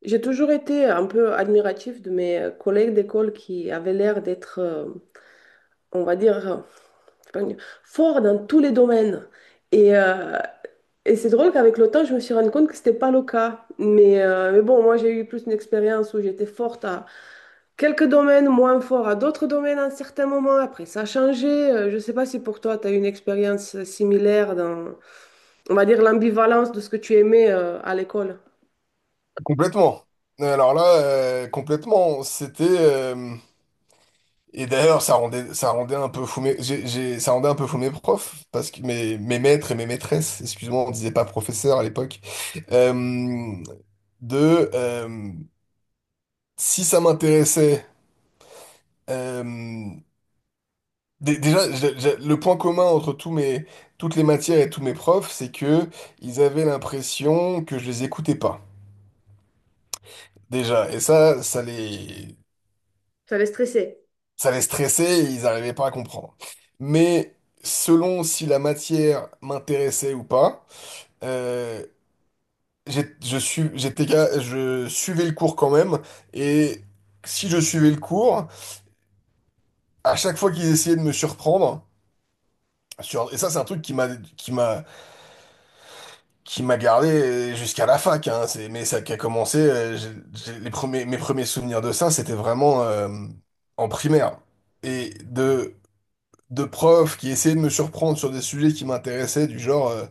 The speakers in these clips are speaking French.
J'ai toujours été un peu admiratif de mes collègues d'école qui avaient l'air d'être, on va dire, c'est pas une- forts dans tous les domaines. Et, euh, et c'est drôle qu'avec le temps, je me suis rendu compte que c'était pas le cas. Mais bon, moi, j'ai eu plus une expérience où j'étais forte à quelques domaines, moins fort à d'autres domaines à un certain moment. Après, ça a changé. Je ne sais pas si pour toi, tu as eu une expérience similaire dans, on va dire, l'ambivalence de ce que tu aimais, à l'école. Complètement. Alors là, complètement, c'était et d'ailleurs ça rendait un peu fou ça rendait un peu fou mes profs parce que mes maîtres et mes maîtresses, excuse-moi, on disait pas professeur à l'époque, euh, de si ça m'intéressait, euh, le point commun entre tous mes toutes les matières et tous mes profs, c'est que ils avaient l'impression que je les écoutais pas déjà et ça ça les Ça allait stresser. ça les stressait et ils n'arrivaient pas à comprendre. Mais selon si la matière m'intéressait ou pas, euh, j'ai- je su- j'étais, ga- je suivais le cours quand même. Et si je suivais le cours, à chaque fois qu'ils essayaient de me surprendre, et ça c'est un truc qui qui m'a m'a gardé jusqu'à la fac, hein, c'est, mais ça qui a commencé. Les premiers, mes premiers souvenirs de ça, c'était vraiment en primaire. Et de profs qui essayaient de me surprendre sur des sujets qui m'intéressaient, du genre euh,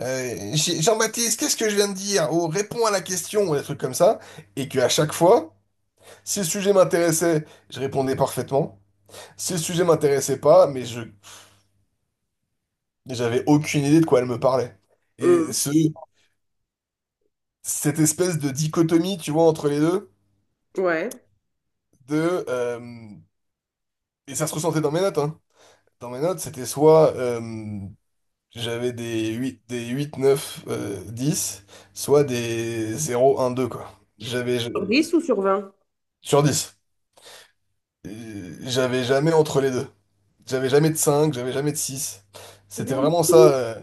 euh, J- Jean-Baptiste, qu'est-ce que je viens de dire? Oh, réponds à la question, ou des trucs comme ça. Et que à chaque fois, si le sujet m'intéressait, je répondais parfaitement. Si le sujet m'intéressait pas, mais je j'avais aucune idée de quoi elle me parlait. Et Mhm. ce, cette espèce de dichotomie, tu vois, entre les deux, Ouais. de et ça se ressentait dans mes notes, hein. Dans mes notes, c'était soit, j'avais des huit, neuf, 10, soit des zéro, un, deux, quoi. J'avais, Sur 10 ou sur 20. sur dix. J'avais jamais entre les deux. J'avais jamais de cinq, j'avais jamais de six. C'était vraiment ça, euh,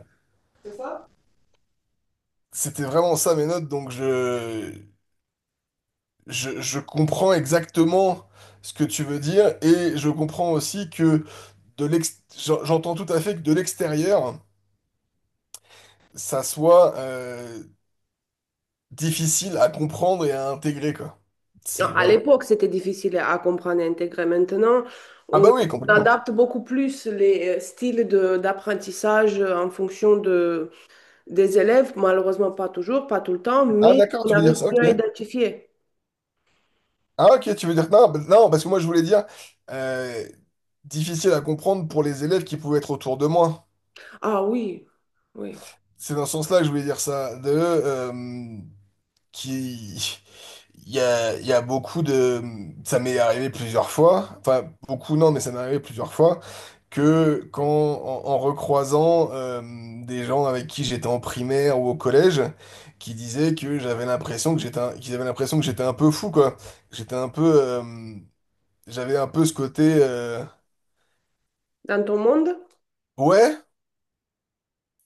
c'était vraiment ça mes notes, donc je comprends exactement ce que tu veux dire, et je comprends aussi que j'entends tout à fait que de l'extérieur, ça soit, difficile à comprendre et à intégrer, quoi. C'est, À voilà. l'époque, c'était difficile à comprendre et intégrer. Maintenant, Ah bah on oui, complètement. adapte beaucoup plus les styles d'apprentissage en fonction de, des élèves. Malheureusement, pas toujours, pas tout le temps, Ah mais d'accord, on tu veux dire arrive ça, ok. mieux à identifier. Ah ok, Non, non parce que moi je voulais dire, euh, difficile à comprendre pour les élèves qui pouvaient être autour de moi. Ah oui, oui. C'est dans ce sens-là que je voulais dire ça. De, qui il y a, beaucoup de ça m'est arrivé plusieurs fois, enfin beaucoup non mais ça m'est arrivé plusieurs fois que quand en recroisant des gens avec qui j'étais en primaire ou au collège qui disaient que j'avais l'impression que j'étais un- qu'ils avaient l'impression que j'étais un peu fou quoi, j'étais un peu, j'avais un peu ce côté, Dans ton monde? ouais,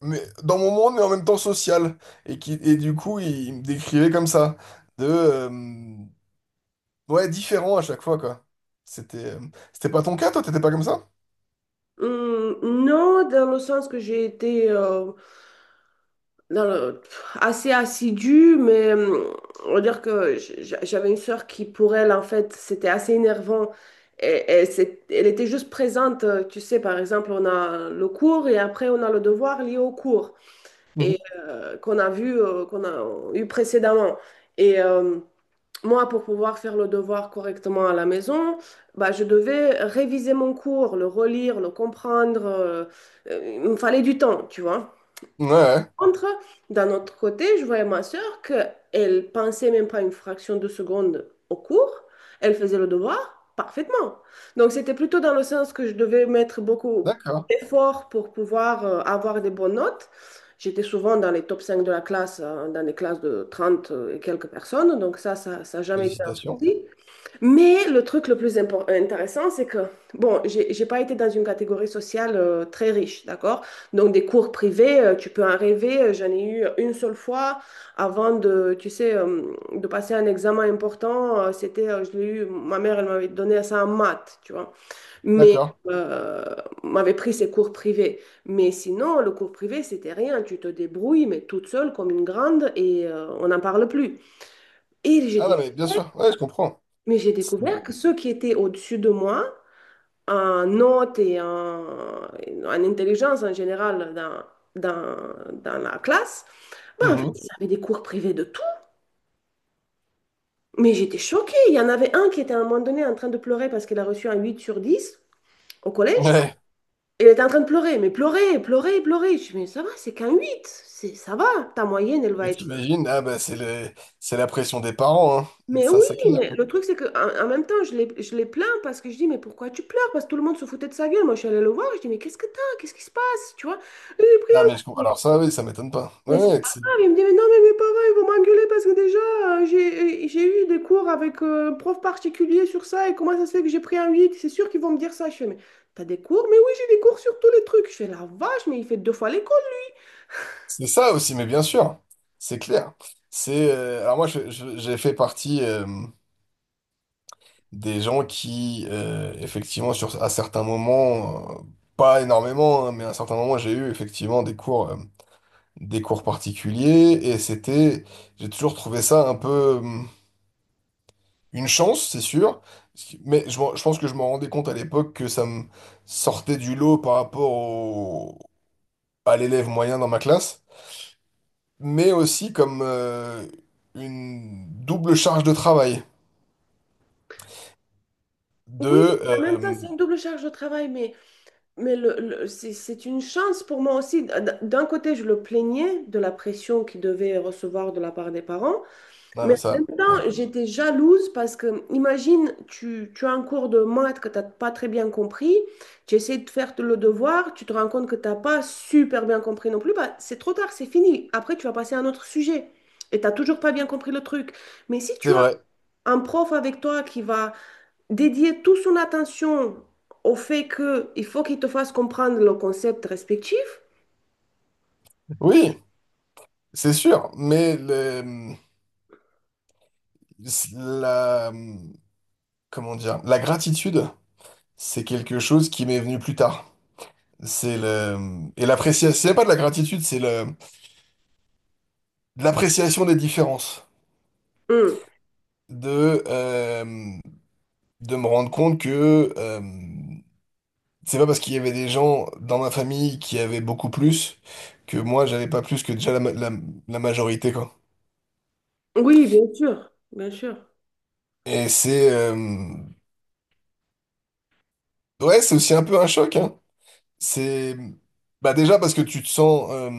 mais dans mon monde mais en même temps social et qui et du coup ils me décrivaient comme ça, de ouais, différent à chaque fois, quoi. C'était euh, C'était pas ton cas, toi? T'étais pas comme ça? Non, dans le sens que j'ai été, dans le- assez assidue, mais on va dire que j'avais une sœur qui, pour elle, en fait, c'était assez énervant. Et, elle était juste présente, tu sais, par exemple, on a le cours et après on a le devoir lié au cours Mhm. et qu'on a vu, qu'on a eu précédemment. Et euh, Moi, pour pouvoir faire le devoir correctement à la maison, bah, je devais réviser mon cours, le relire, le comprendre. Il me fallait du temps, tu vois. Ouais, ouais. Contre, d'un autre côté, je voyais ma sœur qu'elle pensait même pas une fraction de seconde au cours, elle faisait le devoir parfaitement. Donc c'était plutôt dans le sens que je devais mettre beaucoup D'accord. d'efforts pour pouvoir avoir des bonnes notes. J'étais souvent dans les top 5 de la classe, dans des classes de 30 et quelques personnes, donc ça n'a jamais été un Félicitations. souci. Mais le truc le plus intéressant, c'est que, bon, j'ai pas été dans une catégorie sociale très riche, d'accord? Donc, des cours privés, tu peux en rêver. J'en ai eu une seule fois avant de de passer un examen important. Je l'ai eu, ma mère, elle m'avait donné ça en maths, tu vois. Mais, D'accord. euh, M'avait pris ses cours privés. Mais sinon, le cours privé, c'était rien. Tu te débrouilles, mais toute seule, comme une grande, et on n'en parle plus. Et j'ai Ah non, mais bien sûr. Ouais, je comprends. mais j'ai C'est- découvert que ceux qui étaient au-dessus de moi, en notes et en, en intelligence en général dans la classe, ben en fait, Mhm. ils avaient des cours privés de tout. Mais j'étais choquée. Il y en avait un qui était à un moment donné en train de pleurer parce qu'il a reçu un 8 sur 10 au collège. Ouais. Il était en train de pleurer, mais pleurer, pleurer, pleurer. Je me dis, mais ça va, c'est qu'un 8 c'est, ça va. Ta moyenne, elle va Mais être t'imagines, ah bah c'est la pression des parents, hein. mais Ça, oui, c'est clair. mais le truc, c'est que en même temps, je les plains parce que je dis, mais pourquoi tu pleures? Parce que tout le monde se foutait de sa gueule. Moi, je suis allée le voir, je dis, mais qu'est-ce que t'as? Qu'est-ce qui se passe? Tu vois? Lui, il a pris Ah, mais un- je comprends. Alors ça, oui, ça m'étonne pas. Ouais, mais c'est ouais, pas c'est grave. Il me dit, mais non, mais mes parents, ils vont m'engueuler parce que déjà, j'ai eu des cours avec un prof particulier sur ça et comment ça se fait que j'ai pris un 8? C'est sûr qu'ils vont me dire ça. Je fais, mais t'as des cours? Mais oui, j'ai des cours sur tous les trucs. Je fais, la vache, mais il fait deux fois l'école. c'est ça aussi, mais bien sûr. C'est clair. Alors moi, j'ai fait partie, des gens qui, effectivement, à certains moments, pas énormément, hein, mais à certains moments, j'ai eu effectivement des cours particuliers, et c'était, j'ai toujours trouvé ça un peu, une chance, c'est sûr, mais je pense que je m'en rendais compte à l'époque que ça me sortait du lot par rapport à l'élève moyen dans ma classe, mais aussi comme, une double charge de travail, de, Oui, en même temps, euh, c'est une double charge de travail, mais c'est une chance pour moi aussi. D'un côté, je le plaignais de la pression qu'il devait recevoir de la part des parents, non, mais mais en même ça, ouais, temps, j'étais jalouse parce que, imagine, tu as un cours de maths que tu n'as pas très bien compris, tu essaies de faire le devoir, tu te rends compte que tu n'as pas super bien compris non plus, bah, c'est trop tard, c'est fini. Après, tu vas passer à un autre sujet et tu n'as toujours pas bien compris le truc. Mais si c'est tu as vrai. un prof avec toi qui va dédier toute son attention au fait que il faut qu'il te fasse comprendre le concept respectif. Oui, c'est sûr, mais la, hum, comment dire, la gratitude, c'est quelque chose qui m'est venu plus tard. C'est et l'appréciation, c'est pas de la gratitude, de l'appréciation des différences. Hmm. De, euh, de me rendre compte que, c'est pas parce qu'il y avait des gens dans ma famille qui avaient beaucoup plus que moi j'avais pas plus que déjà la majorité, quoi. Oui, bien sûr, bien sûr. Et c'est, ouais, c'est aussi un peu un choc, hein. C'est bah déjà parce que tu te sens,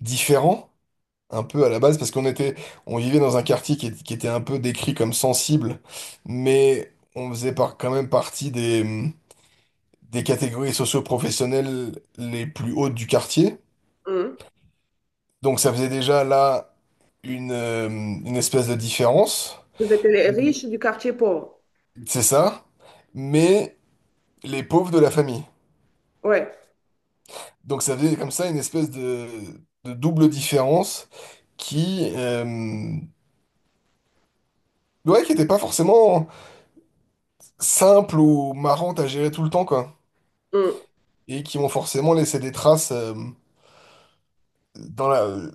différent un peu à la base parce qu'on vivait dans un quartier qui, qui était un peu décrit comme sensible, mais on faisait quand même partie des catégories socio-professionnelles les plus hautes du quartier. Hmm. Donc ça faisait déjà là une, une espèce de différence. Vous êtes les riches du quartier pauvre. C'est ça. Mais les pauvres de la famille. Ouais. Donc ça faisait comme ça une espèce de double différence qui, ouais, qui était pas forcément simple ou marrante à gérer tout le temps, quoi. Hmm. Et qui m'ont forcément laissé des traces, dans la,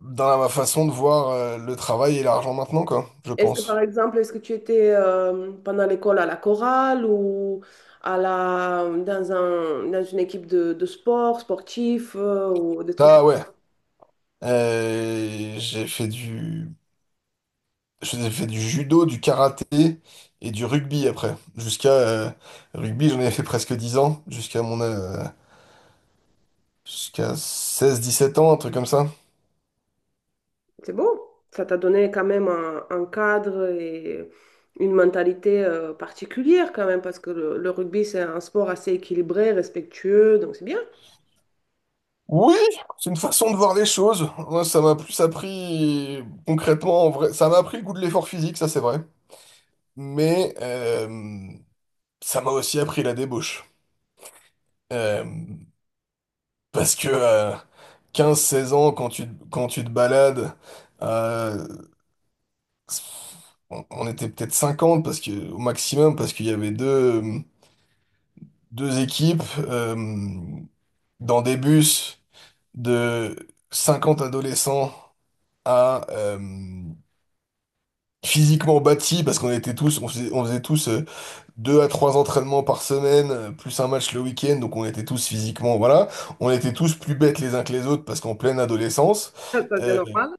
dans la façon de voir, le travail et l'argent maintenant, quoi, je Est-ce que par pense. exemple, est-ce que tu étais pendant l'école à la chorale ou à la dans un dans une équipe de sport sportif ou des trucs Ah ouais, euh, j'ai fait du, j'ai fait du judo, du karaté et du rugby après. Jusqu'à Rugby, j'en ai fait presque 10 ans, jusqu'à 16 17 ans, un truc comme ça. c'est beau. Ça t'a donné quand même un cadre et une mentalité particulière quand même, parce que le rugby, c'est un sport assez équilibré, respectueux, donc c'est bien. Oui, c'est une façon de voir les choses. Moi, ça m'a plus appris concrètement, en vrai. Ça m'a appris le goût de l'effort physique, ça c'est vrai. Mais ça m'a aussi appris la débauche. Euh, parce que 15 16 ans, quand tu te balades, euh, on était peut-être 50 parce que, au maximum, parce qu'il y avait deux équipes, dans des bus de 50 adolescents, à physiquement bâti parce qu'on était tous, on faisait tous, deux à trois entraînements par semaine, plus un match le week-end, donc on était tous physiquement, voilà, on était tous plus bêtes les uns que les autres parce qu'en pleine adolescence, Ça, c'est euh, normal,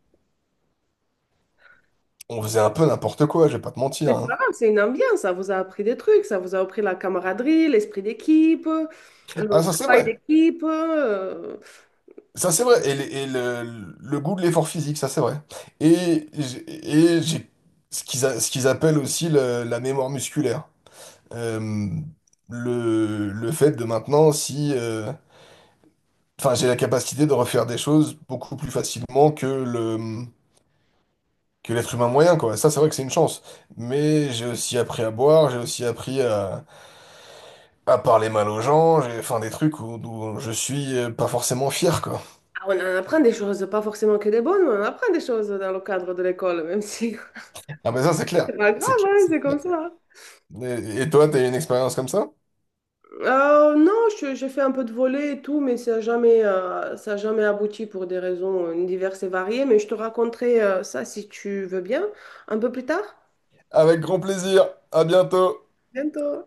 on faisait un peu n'importe quoi, je vais pas te mais mentir, c'est pas hein. grave, c'est une ambiance, ça vous a appris des trucs, ça vous a appris la camaraderie, l'esprit d'équipe, le Ah ça c'est travail vrai. d'équipe. Ça c'est vrai, et, le goût de l'effort physique, ça c'est vrai. Et j'ai ce qu'ils appellent aussi la mémoire musculaire. Euh, le fait de maintenant, si, enfin, j'ai la capacité de refaire des choses beaucoup plus facilement que que l'être humain moyen, quoi. Ça, c'est vrai que c'est une chance. Mais j'ai aussi appris à boire, j'ai aussi appris à parler mal aux gens, j'ai, enfin, des trucs où, où je suis, pas forcément fier, quoi. Ah, on en apprend des choses, pas forcément que des bonnes, mais on apprend des choses dans le cadre de l'école, même si Ah, mais ça, c'est clair. c'est pas grave, hein, C'est c'est clair. comme ça. Hein. Et toi, t'as eu une expérience comme ça? Non, j'ai fait un peu de volley et tout, mais ça n'a jamais, ça a jamais abouti pour des raisons diverses et variées. Mais je te raconterai ça si tu veux bien un peu plus tard. Avec grand plaisir. À bientôt. Bientôt.